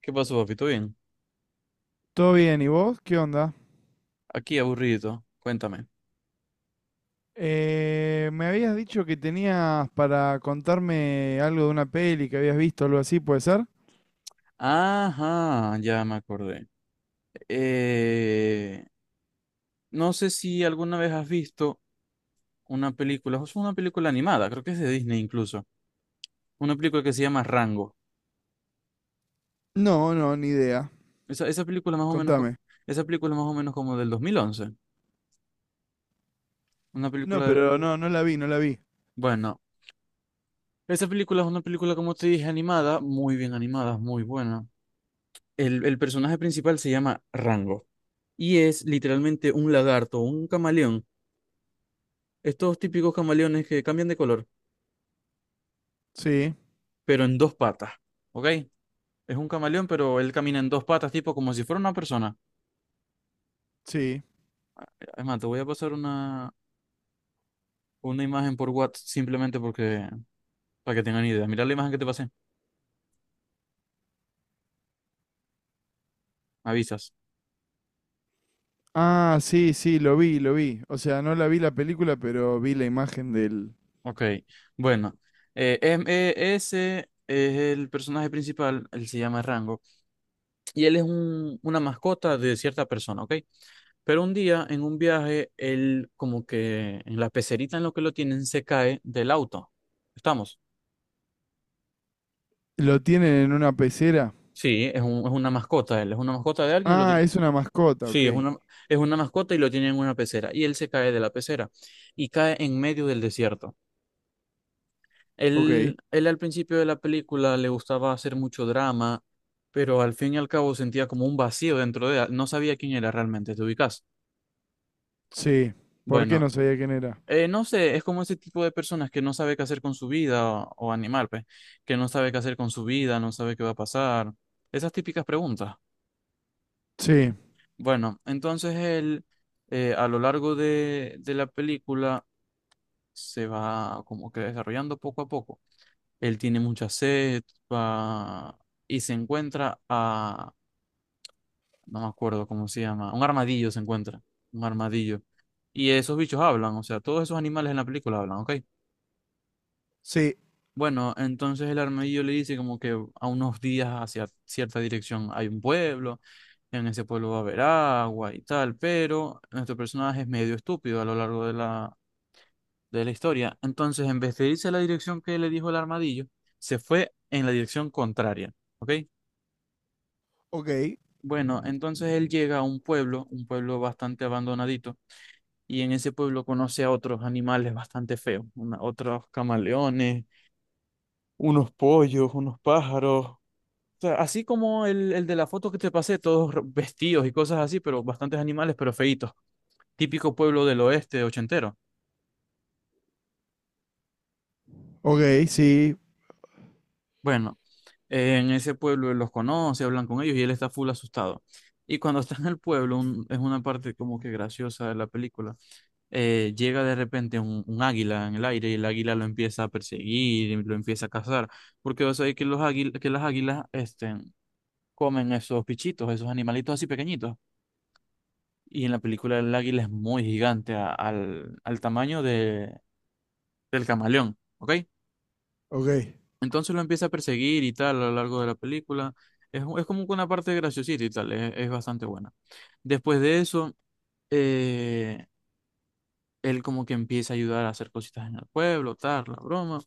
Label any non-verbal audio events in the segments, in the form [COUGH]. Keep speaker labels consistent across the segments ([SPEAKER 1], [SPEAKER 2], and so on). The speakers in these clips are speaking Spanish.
[SPEAKER 1] ¿Qué pasó, papito? Bien.
[SPEAKER 2] Todo bien, ¿y vos? ¿Qué onda?
[SPEAKER 1] Aquí aburrido. Cuéntame.
[SPEAKER 2] Me habías dicho que tenías para contarme algo de una peli que habías visto, algo así, ¿puede ser?
[SPEAKER 1] Ajá, ya me acordé. Eh, no sé si alguna vez has visto una película, o sea, una película animada, creo que es de Disney incluso. Una película que se llama Rango.
[SPEAKER 2] No, no, ni idea.
[SPEAKER 1] Esa película más o menos,
[SPEAKER 2] Contame.
[SPEAKER 1] esa película más o menos como del 2011. Una
[SPEAKER 2] No,
[SPEAKER 1] película,
[SPEAKER 2] pero no la vi, no la vi.
[SPEAKER 1] bueno, esa película es una película, como te dije, animada, muy bien animada, muy buena. El personaje principal se llama Rango y es literalmente un lagarto, un camaleón. Estos típicos camaleones que cambian de color,
[SPEAKER 2] Sí,
[SPEAKER 1] pero en dos patas, ¿ok? Es un camaleón, pero él camina en dos patas, tipo como si fuera una persona.
[SPEAKER 2] sí.
[SPEAKER 1] Es más, te voy a pasar una imagen por WhatsApp simplemente porque, para que tengan idea. Mira la imagen que te pasé, me avisas.
[SPEAKER 2] Ah, sí, sí, lo vi, lo vi. O sea, no la vi la película, pero vi la imagen del...
[SPEAKER 1] Ok, bueno. Ese es el personaje principal, él se llama Rango, y él es un, una mascota de cierta persona, ¿ok? Pero un día, en un viaje, él como que en la pecerita en lo que lo tienen se cae del auto. ¿Estamos?
[SPEAKER 2] ¿Lo tienen en una pecera?
[SPEAKER 1] Sí, es un, es una mascota, él es una mascota de alguien y lo
[SPEAKER 2] Ah,
[SPEAKER 1] tiene.
[SPEAKER 2] es una mascota, ok.
[SPEAKER 1] Sí, es una mascota y lo tiene en una pecera. Y él se cae de la pecera y cae en medio del desierto.
[SPEAKER 2] Ok.
[SPEAKER 1] Él al principio de la película le gustaba hacer mucho drama, pero al fin y al cabo sentía como un vacío dentro de él. No sabía quién era realmente, ¿te ubicas?
[SPEAKER 2] Sí. ¿Por qué
[SPEAKER 1] Bueno,
[SPEAKER 2] no sabía quién era?
[SPEAKER 1] no sé, es como ese tipo de personas que no sabe qué hacer con su vida o animal, pues, que no sabe qué hacer con su vida, no sabe qué va a pasar. Esas típicas preguntas.
[SPEAKER 2] Sí.
[SPEAKER 1] Bueno, entonces él a lo largo de la película se va como que desarrollando poco a poco. Él tiene mucha sed va- y se encuentra a, no me acuerdo cómo se llama, un armadillo se encuentra, un armadillo. Y esos bichos hablan, o sea, todos esos animales en la película hablan, ¿ok?
[SPEAKER 2] Sí.
[SPEAKER 1] Bueno, entonces el armadillo le dice como que a unos días hacia cierta dirección hay un pueblo, en ese pueblo va a haber agua y tal, pero nuestro personaje es medio estúpido a lo largo de la historia. Entonces, en vez de irse a la dirección que le dijo el armadillo, se fue en la dirección contraria, ¿ok?
[SPEAKER 2] Ok.
[SPEAKER 1] Bueno, entonces él llega a un pueblo bastante abandonadito, y en ese pueblo conoce a otros animales bastante feos, otros camaleones, unos pollos, unos pájaros, sea, así como el de la foto que te pasé, todos vestidos y cosas así, pero bastantes animales, pero feitos. Típico pueblo del oeste ochentero.
[SPEAKER 2] Ok, sí.
[SPEAKER 1] Bueno, en ese pueblo él los conoce, hablan con ellos y él está full asustado. Y cuando está en el pueblo, es una parte como que graciosa de la película, llega de repente un águila en el aire y el águila lo empieza a perseguir, y lo empieza a cazar, porque vas a ver que, los que las águilas este, comen esos pichitos, esos animalitos así pequeñitos. Y en la película el águila es muy gigante al, al tamaño de, del camaleón, ¿ok?
[SPEAKER 2] Ok.
[SPEAKER 1] Entonces lo empieza a perseguir y tal a lo largo de la película. Es como que una parte graciosita y tal, es bastante buena. Después de eso, eh, él como que empieza a ayudar a hacer cositas en el pueblo, tal, la broma.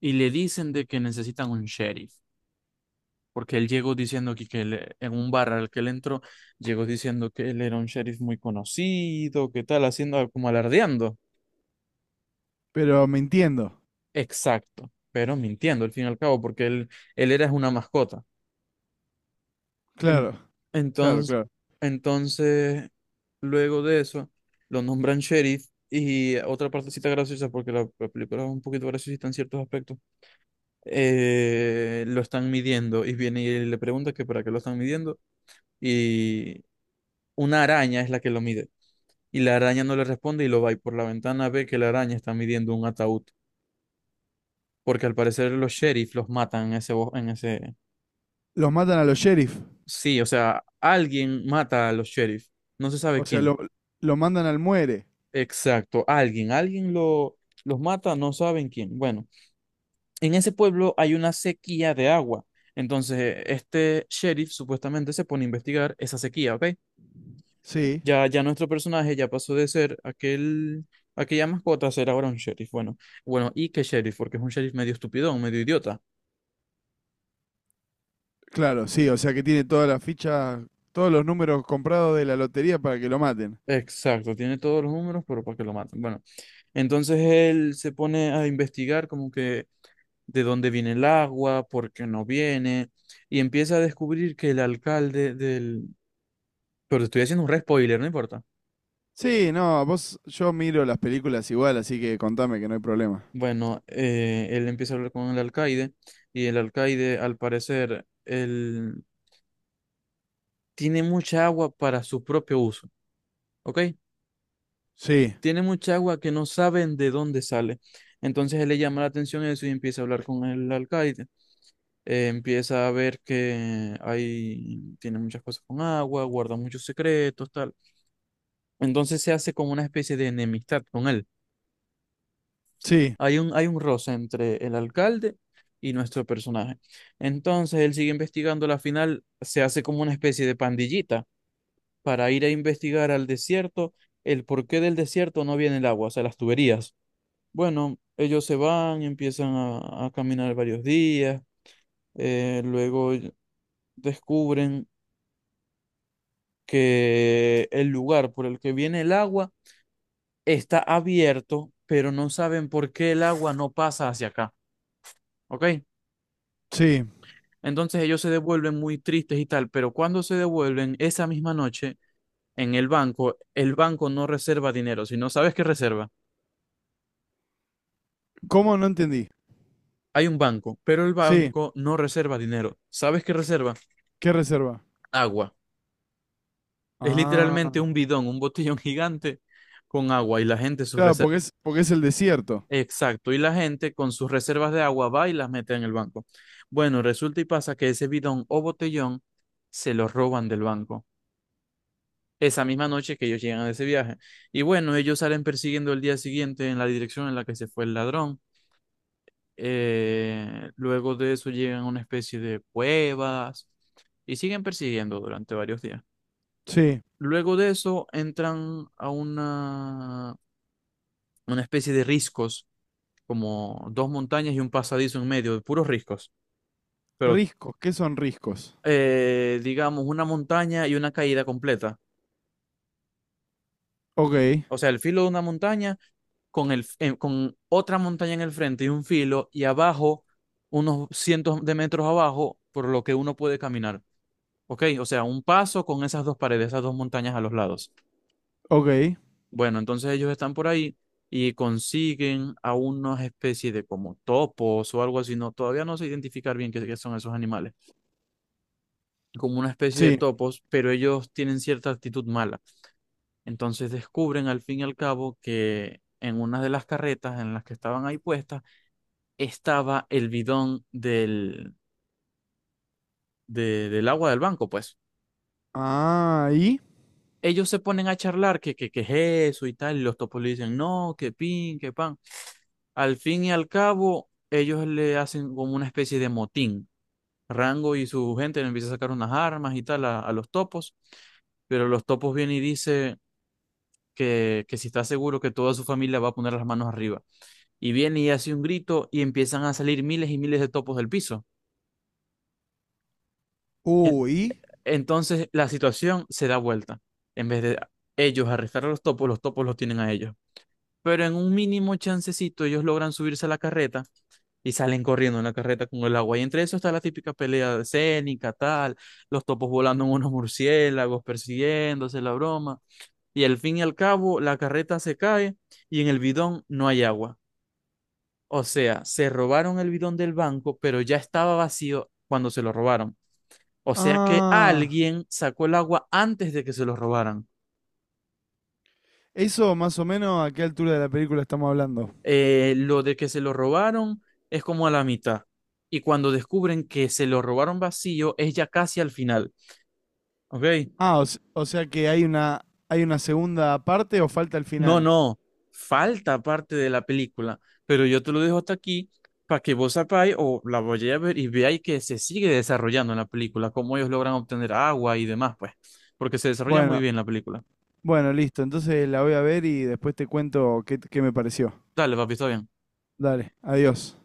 [SPEAKER 1] Y le dicen de que necesitan un sheriff, porque él llegó diciendo que él, en un bar al que él entró, llegó diciendo que él era un sheriff muy conocido, que tal, haciendo como alardeando.
[SPEAKER 2] Pero me entiendo.
[SPEAKER 1] Exacto, pero mintiendo al fin y al cabo, porque él era una mascota. En-
[SPEAKER 2] Claro, claro,
[SPEAKER 1] entonces,
[SPEAKER 2] claro.
[SPEAKER 1] entonces, luego de eso, lo nombran sheriff y otra partecita graciosa, porque la película es un poquito graciosita en ciertos aspectos, lo están midiendo y viene y le pregunta que para qué lo están midiendo y una araña es la que lo mide. Y la araña no le responde y lo va y por la ventana ve que la araña está midiendo un ataúd, porque al parecer los sheriff los matan en ese, en ese,
[SPEAKER 2] Los matan a los sheriff.
[SPEAKER 1] sí, o sea, alguien mata a los sheriff, no se sabe
[SPEAKER 2] O sea,
[SPEAKER 1] quién.
[SPEAKER 2] lo mandan al muere.
[SPEAKER 1] Exacto, alguien, alguien lo, los mata, no saben quién. Bueno, en ese pueblo hay una sequía de agua. Entonces, este sheriff supuestamente se pone a investigar esa sequía, ¿ok?
[SPEAKER 2] Sí,
[SPEAKER 1] Ya, ya nuestro personaje ya pasó de ser aquel, aquella mascota a ser ahora un sheriff. Bueno, bueno, ¿y qué sheriff? Porque es un sheriff medio estupidón, medio idiota.
[SPEAKER 2] claro, sí. O sea que tiene todas las fichas, todos los números comprados de la lotería para que lo maten.
[SPEAKER 1] Exacto, tiene todos los números, pero para que lo maten. Bueno, entonces él se pone a investigar como que de dónde viene el agua, por qué no viene, y empieza a descubrir que el alcalde del... Pero estoy haciendo un re spoiler, no importa.
[SPEAKER 2] Sí, no, vos, yo miro las películas igual, así que contame que no hay problema.
[SPEAKER 1] Bueno, él empieza a hablar con el alcaide y el alcaide, al parecer, él tiene mucha agua para su propio uso, ¿ok?
[SPEAKER 2] Sí,
[SPEAKER 1] Tiene mucha agua que no saben de dónde sale. Entonces él le llama la atención eso y empieza a hablar con el alcaide. Empieza a ver que hay, tiene muchas cosas con agua, guarda muchos secretos, tal. Entonces se hace como una especie de enemistad con él.
[SPEAKER 2] sí,
[SPEAKER 1] Hay un roce entre el alcalde y nuestro personaje. Entonces él sigue investigando, la final se hace como una especie de pandillita para ir a investigar al desierto, el porqué del desierto no viene el agua, o sea, las tuberías. Bueno, ellos se van, empiezan a caminar varios días, luego descubren que el lugar por el que viene el agua está abierto, pero no saben por qué el agua no pasa hacia acá, ¿ok?
[SPEAKER 2] sí.
[SPEAKER 1] Entonces ellos se devuelven muy tristes y tal, pero cuando se devuelven esa misma noche en el banco no reserva dinero, si no sabes qué reserva,
[SPEAKER 2] ¿Cómo no entendí?
[SPEAKER 1] hay un banco, pero el
[SPEAKER 2] Sí,
[SPEAKER 1] banco no reserva dinero, ¿sabes qué reserva?
[SPEAKER 2] ¿qué reserva?
[SPEAKER 1] Agua. Es
[SPEAKER 2] Ah,
[SPEAKER 1] literalmente un bidón, un botellón [LAUGHS] gigante con agua y la gente su
[SPEAKER 2] claro, porque porque es el desierto.
[SPEAKER 1] exacto, y la gente con sus reservas de agua va y las mete en el banco. Bueno, resulta y pasa que ese bidón o botellón se lo roban del banco esa misma noche que ellos llegan de ese viaje. Y bueno, ellos salen persiguiendo el día siguiente en la dirección en la que se fue el ladrón. Luego de eso llegan a una especie de cuevas y siguen persiguiendo durante varios días.
[SPEAKER 2] Sí.
[SPEAKER 1] Luego de eso entran a una especie de riscos, como dos montañas y un pasadizo en medio, de puros riscos. Pero
[SPEAKER 2] Riscos, ¿qué son riscos?
[SPEAKER 1] digamos una montaña y una caída completa.
[SPEAKER 2] Ok,
[SPEAKER 1] O sea, el filo de una montaña con, el, con otra montaña en el frente y un filo y abajo, unos cientos de metros abajo, por lo que uno puede caminar. ¿Ok? O sea, un paso con esas dos paredes, esas dos montañas a los lados.
[SPEAKER 2] ok,
[SPEAKER 1] Bueno, entonces ellos están por ahí y consiguen a unas especies de como topos o algo así. No, todavía no sé identificar bien qué, qué son esos animales. Como una especie de
[SPEAKER 2] sí.
[SPEAKER 1] topos, pero ellos tienen cierta actitud mala. Entonces descubren al fin y al cabo que en una de las carretas en las que estaban ahí puestas estaba el bidón del, del agua del banco, pues.
[SPEAKER 2] Ah, ¿y?
[SPEAKER 1] Ellos se ponen a charlar que es eso y tal, y los topos le dicen, no, que pin, que pan. Al fin y al cabo, ellos le hacen como una especie de motín. Rango y su gente le empieza a sacar unas armas y tal a los topos, pero los topos vienen y dice que si está seguro que toda su familia va a poner las manos arriba. Y viene y hace un grito y empiezan a salir miles y miles de topos del piso. E-
[SPEAKER 2] Uy.
[SPEAKER 1] Entonces la situación se da vuelta. En vez de ellos arrestar a los topos, los topos los tienen a ellos. Pero en un mínimo chancecito ellos logran subirse a la carreta y salen corriendo en la carreta con el agua. Y entre eso está la típica pelea escénica, tal, los topos volando en unos murciélagos, persiguiéndose la broma. Y al fin y al cabo la carreta se cae y en el bidón no hay agua. O sea, se robaron el bidón del banco, pero ya estaba vacío cuando se lo robaron. O sea que
[SPEAKER 2] Ah.
[SPEAKER 1] alguien sacó el agua antes de que se lo robaran.
[SPEAKER 2] Eso más o menos a qué altura de la película estamos hablando.
[SPEAKER 1] Lo de que se lo robaron es como a la mitad. Y cuando descubren que se lo robaron vacío, es ya casi al final. ¿Ok?
[SPEAKER 2] Ah, o sea que hay una segunda parte o falta el
[SPEAKER 1] No,
[SPEAKER 2] final.
[SPEAKER 1] no. Falta parte de la película. Pero yo te lo dejo hasta aquí para que vos sepáis o la vayáis a ver y veáis que se sigue desarrollando en la película, cómo ellos logran obtener agua y demás, pues porque se desarrolla muy
[SPEAKER 2] Bueno,
[SPEAKER 1] bien la película.
[SPEAKER 2] bueno, listo. Entonces la voy a ver y después te cuento qué me pareció.
[SPEAKER 1] Dale, papi, está bien.
[SPEAKER 2] Dale, adiós.